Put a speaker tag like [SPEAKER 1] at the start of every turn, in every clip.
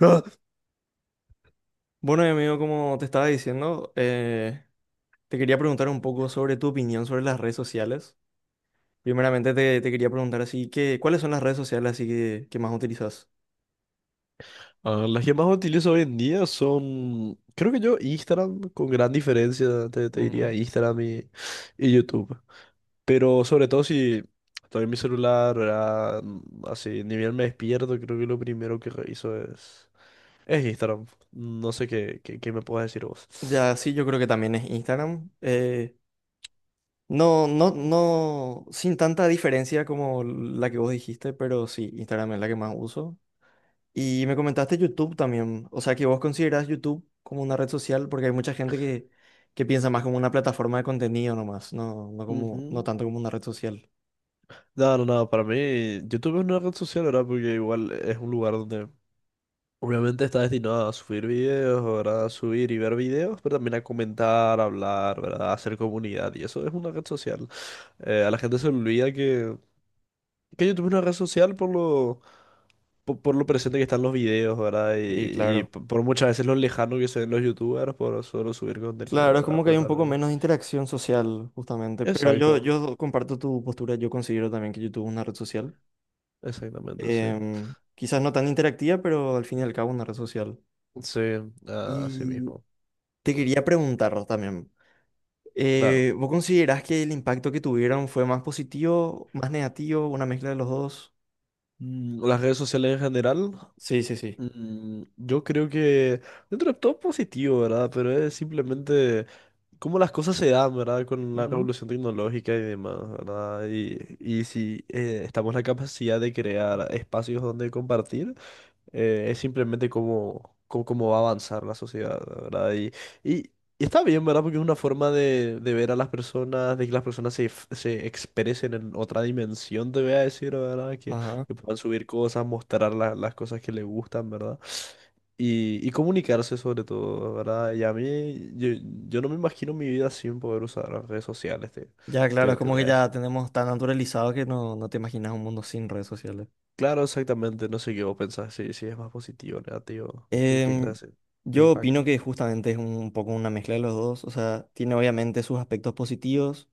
[SPEAKER 1] Ah,
[SPEAKER 2] Bueno, y amigo, como te estaba diciendo, te quería preguntar un poco sobre tu opinión sobre las redes sociales. Primeramente te quería preguntar así que, ¿cuáles son las redes sociales así que más utilizas?
[SPEAKER 1] las que más utilizo hoy en día son, creo que yo, Instagram, con gran diferencia, te
[SPEAKER 2] Ujú.
[SPEAKER 1] diría Instagram y YouTube. Pero sobre todo si estoy en mi celular, ¿verdad? Así, ni bien me despierto, creo que lo primero que reviso es Instagram. No sé qué me puedes decir vos.
[SPEAKER 2] Ya, sí, yo creo que también es Instagram. No, no, no, sin tanta diferencia como la que vos dijiste, pero sí, Instagram es la que más uso. Y me comentaste YouTube también, o sea que vos considerás YouTube como una red social porque hay mucha gente que piensa más como una plataforma de contenido nomás, no, no como,
[SPEAKER 1] Ujú.
[SPEAKER 2] no tanto como una red social.
[SPEAKER 1] No, no, no, para mí YouTube es una red social, ¿verdad? Porque igual es un lugar donde obviamente está destinado a subir videos, ¿verdad? A subir y ver videos, pero también a comentar, a hablar, ¿verdad? A hacer comunidad. Y eso es una red social. A la gente se le olvida que YouTube es una red social por lo presente que están los videos, ¿verdad?
[SPEAKER 2] Y
[SPEAKER 1] Y,
[SPEAKER 2] claro,
[SPEAKER 1] por muchas veces lo lejano que se ven los YouTubers por solo subir contenido,
[SPEAKER 2] claro, es
[SPEAKER 1] ¿verdad?
[SPEAKER 2] como que hay
[SPEAKER 1] Pero
[SPEAKER 2] un poco
[SPEAKER 1] también...
[SPEAKER 2] menos de interacción social justamente, pero yo,
[SPEAKER 1] Exacto,
[SPEAKER 2] yo comparto tu postura, yo considero también que YouTube es una red social.
[SPEAKER 1] exactamente, sí.
[SPEAKER 2] Quizás no tan interactiva, pero al fin y al cabo una red social.
[SPEAKER 1] Sí, ah, así
[SPEAKER 2] Y
[SPEAKER 1] mismo.
[SPEAKER 2] te quería preguntar también.
[SPEAKER 1] Claro.
[SPEAKER 2] ¿Vos considerás que el impacto que tuvieron fue más positivo, más negativo, una mezcla de los dos?
[SPEAKER 1] Las redes sociales en general.
[SPEAKER 2] Sí, sí, sí.
[SPEAKER 1] Yo creo que dentro de todo positivo, ¿verdad? Pero es simplemente cómo las cosas se dan, ¿verdad? Con la
[SPEAKER 2] Ujú.
[SPEAKER 1] revolución tecnológica y demás, ¿verdad? Y si estamos en la capacidad de crear espacios donde compartir, es simplemente cómo va a avanzar la sociedad, ¿verdad? Y, y está bien, ¿verdad? Porque es una forma de ver a las personas, de que las personas se expresen en otra dimensión, te voy a decir, ¿verdad?
[SPEAKER 2] Ajá.
[SPEAKER 1] Que puedan subir cosas, mostrar las cosas que les gustan, ¿verdad? Y comunicarse sobre todo, ¿verdad? Y a mí, yo no me imagino mi vida sin poder usar las redes sociales,
[SPEAKER 2] Ya, claro, es
[SPEAKER 1] te
[SPEAKER 2] como
[SPEAKER 1] voy
[SPEAKER 2] que
[SPEAKER 1] a
[SPEAKER 2] ya
[SPEAKER 1] decir.
[SPEAKER 2] tenemos tan naturalizado que no, no te imaginas un mundo sin redes sociales.
[SPEAKER 1] Claro, exactamente, no sé qué vos pensás, si, si es más positivo o negativo, qué
[SPEAKER 2] Em,
[SPEAKER 1] clase de
[SPEAKER 2] yo
[SPEAKER 1] impacto.
[SPEAKER 2] opino que justamente es un poco una mezcla de los dos. O sea, tiene obviamente sus aspectos positivos,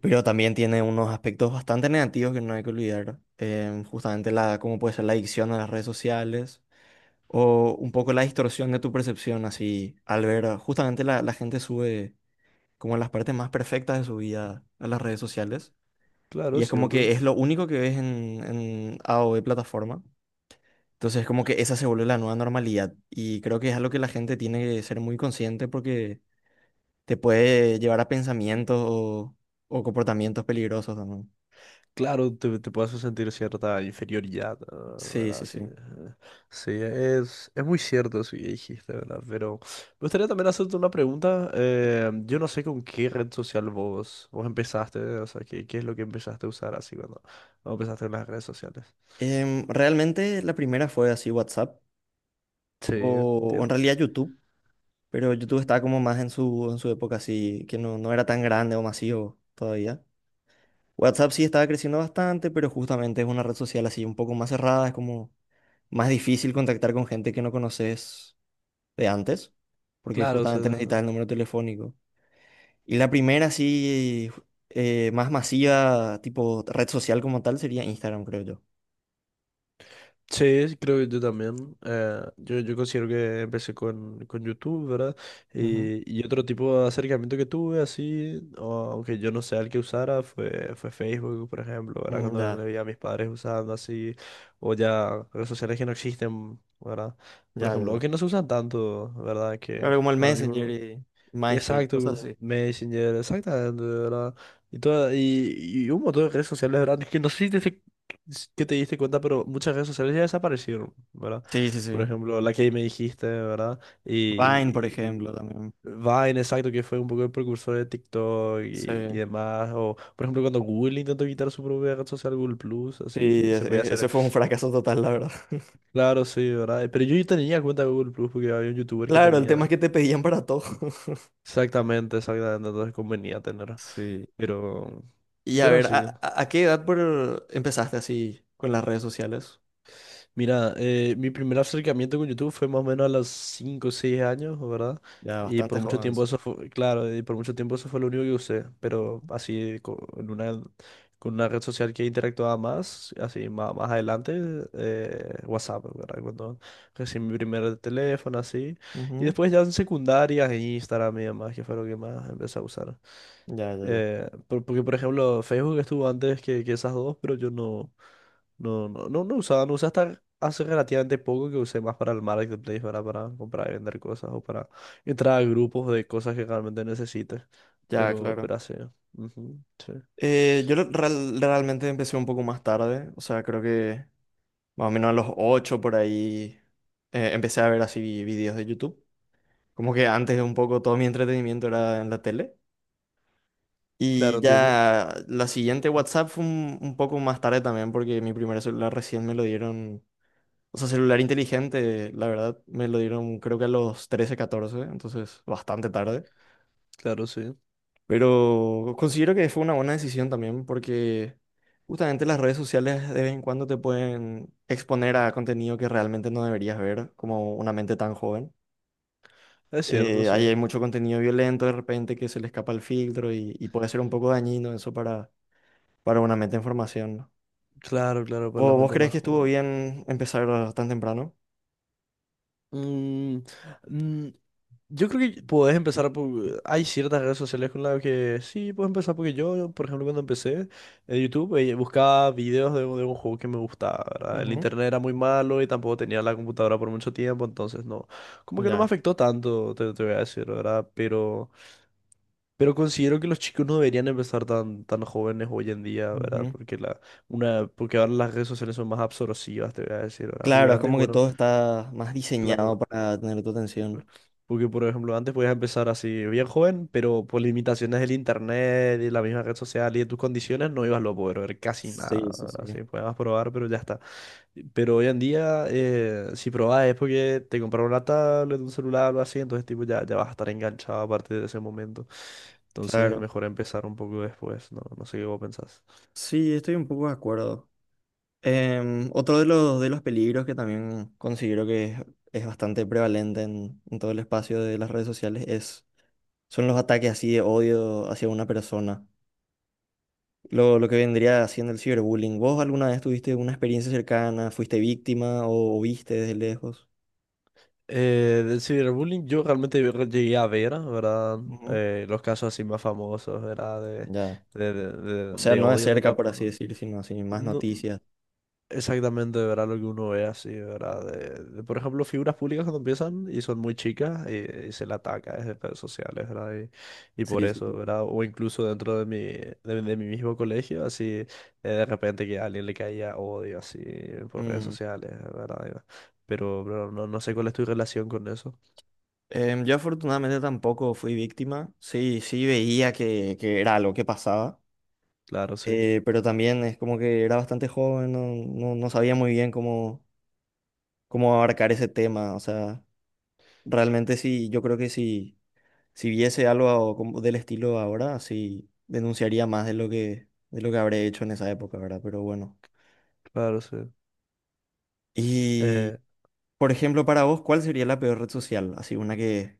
[SPEAKER 2] pero también tiene unos aspectos bastante negativos que no hay que olvidar. Justamente la, cómo puede ser la adicción a las redes sociales, o un poco la distorsión de tu percepción, así, al ver, ah, justamente la gente sube como las partes más perfectas de su vida a las redes sociales, y
[SPEAKER 1] Claro,
[SPEAKER 2] es como
[SPEAKER 1] cierto.
[SPEAKER 2] que es lo único que ves en A o B plataforma, entonces como que esa se vuelve la nueva normalidad, y creo que es algo que la gente tiene que ser muy consciente porque te puede llevar a pensamientos o comportamientos peligrosos también.
[SPEAKER 1] Claro, te puedes sentir cierta inferioridad, ah,
[SPEAKER 2] Sí,
[SPEAKER 1] ¿verdad?
[SPEAKER 2] sí,
[SPEAKER 1] Sí,
[SPEAKER 2] sí.
[SPEAKER 1] ajá. Sí, es muy cierto eso que dijiste, ¿verdad? Pero me gustaría también hacerte una pregunta. Yo no sé con qué red social vos empezaste, o sea, qué es lo que empezaste a usar así cuando, cuando empezaste en las redes sociales.
[SPEAKER 2] Realmente la primera fue así WhatsApp,
[SPEAKER 1] Sí,
[SPEAKER 2] o en
[SPEAKER 1] entiendo.
[SPEAKER 2] realidad YouTube. Pero YouTube estaba como más en su época así, que no, no era tan grande o masivo todavía. WhatsApp sí estaba creciendo bastante, pero justamente es una red social así un poco más cerrada, es como más difícil contactar con gente que no conoces de antes, porque
[SPEAKER 1] Claro, o sea,
[SPEAKER 2] justamente necesitas
[SPEAKER 1] no.
[SPEAKER 2] el número telefónico. Y la primera así más masiva, tipo red social como tal, sería Instagram, creo yo.
[SPEAKER 1] Sí, creo que yo también. Yo considero que empecé con YouTube, ¿verdad?
[SPEAKER 2] Ujú.
[SPEAKER 1] Y otro tipo de acercamiento que tuve, así, aunque yo no sea el que usara, fue, fue Facebook, por ejemplo, ¿verdad?
[SPEAKER 2] Mm,
[SPEAKER 1] Cuando le
[SPEAKER 2] ya,
[SPEAKER 1] vi a mis padres usando así, o ya redes sociales que no existen, ¿verdad? Por
[SPEAKER 2] ya, ya.
[SPEAKER 1] ejemplo, o
[SPEAKER 2] Ya.
[SPEAKER 1] que no se usan tanto, ¿verdad? Que
[SPEAKER 2] Claro, como el
[SPEAKER 1] ahora mismo.
[SPEAKER 2] Messenger
[SPEAKER 1] No.
[SPEAKER 2] y MySpace,
[SPEAKER 1] Exacto,
[SPEAKER 2] cosas
[SPEAKER 1] como
[SPEAKER 2] así.
[SPEAKER 1] Messenger, exactamente, de ¿verdad? Y, toda, y, y un montón de redes sociales, ¿verdad? Es que no sé si que te diste cuenta, pero muchas redes sociales ya desaparecieron, ¿verdad?
[SPEAKER 2] Sí, sí, sí.
[SPEAKER 1] Por ejemplo, la que me dijiste, ¿verdad?
[SPEAKER 2] Vine, por
[SPEAKER 1] Y
[SPEAKER 2] ejemplo, también.
[SPEAKER 1] Vine, exacto, que fue un poco el precursor de TikTok
[SPEAKER 2] Sí.
[SPEAKER 1] y demás. O, por ejemplo, cuando Google intentó quitar su propia red social, Google Plus, así
[SPEAKER 2] Sí,
[SPEAKER 1] que se podía
[SPEAKER 2] ese,
[SPEAKER 1] hacer.
[SPEAKER 2] ese fue un fracaso total, la verdad.
[SPEAKER 1] Claro, sí, ¿verdad? Pero yo tenía cuenta de Google Plus porque había un youtuber que
[SPEAKER 2] Claro, el tema es
[SPEAKER 1] tenía.
[SPEAKER 2] que te pedían para todo.
[SPEAKER 1] Exactamente, exactamente, entonces convenía tener.
[SPEAKER 2] Sí.
[SPEAKER 1] Pero,
[SPEAKER 2] Y a
[SPEAKER 1] pero
[SPEAKER 2] ver,
[SPEAKER 1] así. ¿No?
[SPEAKER 2] ¿a, a qué edad empezaste así con las redes sociales?
[SPEAKER 1] Mira, mi primer acercamiento con YouTube fue más o menos a los 5 o 6 años, ¿verdad?
[SPEAKER 2] Ya
[SPEAKER 1] Y
[SPEAKER 2] bastante
[SPEAKER 1] por mucho
[SPEAKER 2] joven,
[SPEAKER 1] tiempo
[SPEAKER 2] sí.
[SPEAKER 1] eso fue, claro, y por mucho tiempo eso fue lo único que usé, pero así una, con una red social que interactuaba más, así más, más adelante, WhatsApp, ¿verdad? Cuando recibí mi primer teléfono, así. Y
[SPEAKER 2] Ujú.
[SPEAKER 1] después ya en secundaria, Instagram y demás, que fue lo que más empecé a usar.
[SPEAKER 2] Ya, ya, ya.
[SPEAKER 1] Porque, por ejemplo, Facebook estuvo antes que esas dos, pero yo no... No, no, no, no usaba, no usaba hasta hace relativamente poco que usé más para el marketplace, ¿verdad? Para comprar y vender cosas o para entrar a grupos de cosas que realmente necesites.
[SPEAKER 2] Ya, claro.
[SPEAKER 1] Pero así. Ujú, sí.
[SPEAKER 2] Yo realmente empecé un poco más tarde, o sea, creo que más o menos a los 8 por ahí empecé a ver así videos de YouTube. Como que antes un poco todo mi entretenimiento era en la tele. Y
[SPEAKER 1] Claro, entiendo.
[SPEAKER 2] ya la siguiente WhatsApp fue un poco más tarde también, porque mi primer celular recién me lo dieron, o sea, celular inteligente, la verdad, me lo dieron creo que a los 13 14 entonces bastante tarde.
[SPEAKER 1] Claro, sí.
[SPEAKER 2] Pero considero que fue una buena decisión también, porque justamente las redes sociales de vez en cuando te pueden exponer a contenido que realmente no deberías ver, como una mente tan joven.
[SPEAKER 1] Es cierto, sí.
[SPEAKER 2] Ahí hay mucho contenido violento de repente que se le escapa el filtro y puede ser un poco dañino eso para una mente en formación, ¿no?
[SPEAKER 1] Claro, claro, para la
[SPEAKER 2] ¿Vo- ¿Vos,
[SPEAKER 1] gente
[SPEAKER 2] crees
[SPEAKER 1] más
[SPEAKER 2] que estuvo
[SPEAKER 1] joven.
[SPEAKER 2] bien empezar tan temprano?
[SPEAKER 1] Mm, mm, Yo creo que puedes empezar por... Hay ciertas redes sociales con las que sí, puedes empezar porque yo, por ejemplo, cuando empecé en YouTube, buscaba videos de un juego que me gustaba, ¿verdad? El
[SPEAKER 2] Ujú,
[SPEAKER 1] internet era muy malo y tampoco tenía la computadora por mucho tiempo, entonces no, como que no me
[SPEAKER 2] ya.
[SPEAKER 1] afectó tanto, te voy a decir, ¿verdad? Pero considero que los chicos no deberían empezar tan, tan jóvenes hoy en día, ¿verdad?
[SPEAKER 2] Ujú.
[SPEAKER 1] Porque, porque ahora las redes sociales son más absorbivas, te voy a decir, ¿verdad? Porque
[SPEAKER 2] Claro, es
[SPEAKER 1] antes,
[SPEAKER 2] como que
[SPEAKER 1] bueno...
[SPEAKER 2] todo está más diseñado
[SPEAKER 1] Claro,
[SPEAKER 2] para tener tu atención.
[SPEAKER 1] porque, por ejemplo, antes podías empezar así bien joven, pero por limitaciones del internet y la misma red social y de tus condiciones no ibas a poder ver casi
[SPEAKER 2] Sí,
[SPEAKER 1] nada.
[SPEAKER 2] sí,
[SPEAKER 1] ¿Verdad?
[SPEAKER 2] sí.
[SPEAKER 1] Así podías probar, pero ya está. Pero hoy en día, si probás es porque te compraron una tablet, un celular, o algo así, entonces tipo ya, ya vas a estar enganchado a partir de ese momento. Entonces es
[SPEAKER 2] Claro.
[SPEAKER 1] mejor empezar un poco después, ¿no? No sé qué vos pensás.
[SPEAKER 2] Sí, estoy un poco de acuerdo. Otro de de los peligros que también considero que es bastante prevalente en todo el espacio de las redes sociales es, son los ataques así de odio hacia una persona. Lo que vendría haciendo el ciberbullying. ¿Vos alguna vez tuviste una experiencia cercana? ¿Fuiste víctima o viste desde lejos?
[SPEAKER 1] Del ciberbullying yo realmente llegué a ver, ¿verdad?
[SPEAKER 2] Ujú,
[SPEAKER 1] Los casos así más famosos, ¿verdad?
[SPEAKER 2] ya. O sea,
[SPEAKER 1] De
[SPEAKER 2] no de
[SPEAKER 1] odio contra...
[SPEAKER 2] cerca, por así decir, sino así, más
[SPEAKER 1] No,
[SPEAKER 2] noticias.
[SPEAKER 1] exactamente, ¿verdad? Lo que uno ve así, ¿verdad? De, por ejemplo, figuras públicas cuando empiezan y son muy chicas y se le ataca desde redes sociales, ¿verdad? Y por
[SPEAKER 2] Sí, sí,
[SPEAKER 1] eso,
[SPEAKER 2] sí.
[SPEAKER 1] ¿verdad? O incluso dentro de de mi mismo colegio, así, de repente que a alguien le caía odio así por redes
[SPEAKER 2] Mm.
[SPEAKER 1] sociales, ¿verdad? Pero no, no sé cuál es tu relación con eso.
[SPEAKER 2] Yo afortunadamente tampoco fui víctima. Sí, sí veía que era algo que pasaba.
[SPEAKER 1] Claro, sí,
[SPEAKER 2] Pero también es como que era bastante joven, no, no, no sabía muy bien cómo, cómo abarcar ese tema. O sea, realmente sí, yo creo que si, si viese algo como del estilo ahora, sí denunciaría más de lo que habré hecho en esa época, ¿verdad? Pero bueno.
[SPEAKER 1] claro, sí.
[SPEAKER 2] Y
[SPEAKER 1] Eh,
[SPEAKER 2] por ejemplo, para vos, ¿cuál sería la peor red social? Así una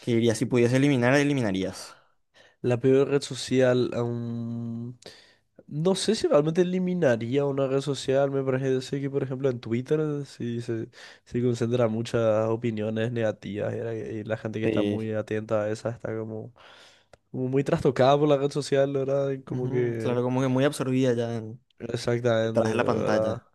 [SPEAKER 2] que dirías, si pudiese eliminar, eliminarías.
[SPEAKER 1] la peor red social, aún... No sé si realmente eliminaría una red social. Me parece que, por ejemplo, en Twitter sí se concentra muchas opiniones negativas y y la gente que está muy
[SPEAKER 2] Sí,
[SPEAKER 1] atenta a esa está como, como muy trastocada por la red social, ¿verdad? Y como
[SPEAKER 2] ujú,
[SPEAKER 1] que...
[SPEAKER 2] claro, como que muy absorbida ya en-
[SPEAKER 1] Exactamente,
[SPEAKER 2] detrás de la
[SPEAKER 1] ¿verdad?
[SPEAKER 2] pantalla.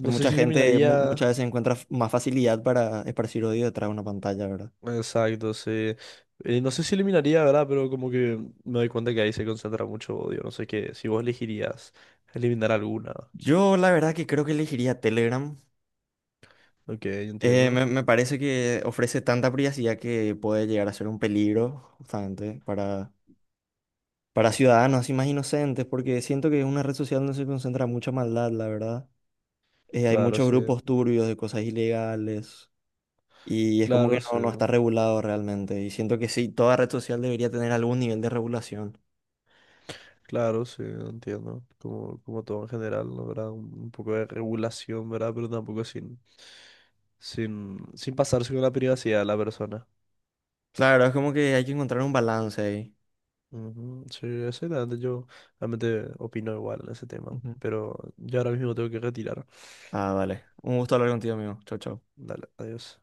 [SPEAKER 2] Que
[SPEAKER 1] sé
[SPEAKER 2] mucha
[SPEAKER 1] si
[SPEAKER 2] gente mu- muchas
[SPEAKER 1] eliminaría.
[SPEAKER 2] veces encuentra f- más facilidad para esparcir odio detrás de una pantalla, ¿verdad?
[SPEAKER 1] Exacto, sí. No sé si eliminaría, ¿verdad? Pero como que me doy cuenta que ahí se concentra mucho odio. No sé qué. Si vos elegirías eliminar alguna.
[SPEAKER 2] Yo la verdad que creo que elegiría Telegram.
[SPEAKER 1] Ok, entiendo.
[SPEAKER 2] Me, me parece que ofrece tanta privacidad que puede llegar a ser un peligro justamente para ciudadanos así más inocentes, porque siento que es una red social donde se concentra mucha maldad, la verdad. Hay
[SPEAKER 1] Claro,
[SPEAKER 2] muchos
[SPEAKER 1] sí.
[SPEAKER 2] grupos turbios de cosas ilegales y es como que
[SPEAKER 1] Claro,
[SPEAKER 2] no, no
[SPEAKER 1] sí.
[SPEAKER 2] está regulado realmente. Y siento que sí, toda red social debería tener algún nivel de regulación.
[SPEAKER 1] Claro, sí, entiendo. Como, como todo en general, ¿no? ¿Verdad? Un poco de regulación, ¿verdad? Pero tampoco sin, sin, sin pasarse con la privacidad de la persona.
[SPEAKER 2] Claro, es como que hay que encontrar un balance ahí.
[SPEAKER 1] Ujú, sí, exactamente. Yo realmente opino igual en ese tema.
[SPEAKER 2] Ujú.
[SPEAKER 1] Pero yo ahora mismo tengo que retirar.
[SPEAKER 2] Ah, vale. Un gusto hablar contigo, amigo. Chau, chau.
[SPEAKER 1] Dale, adiós.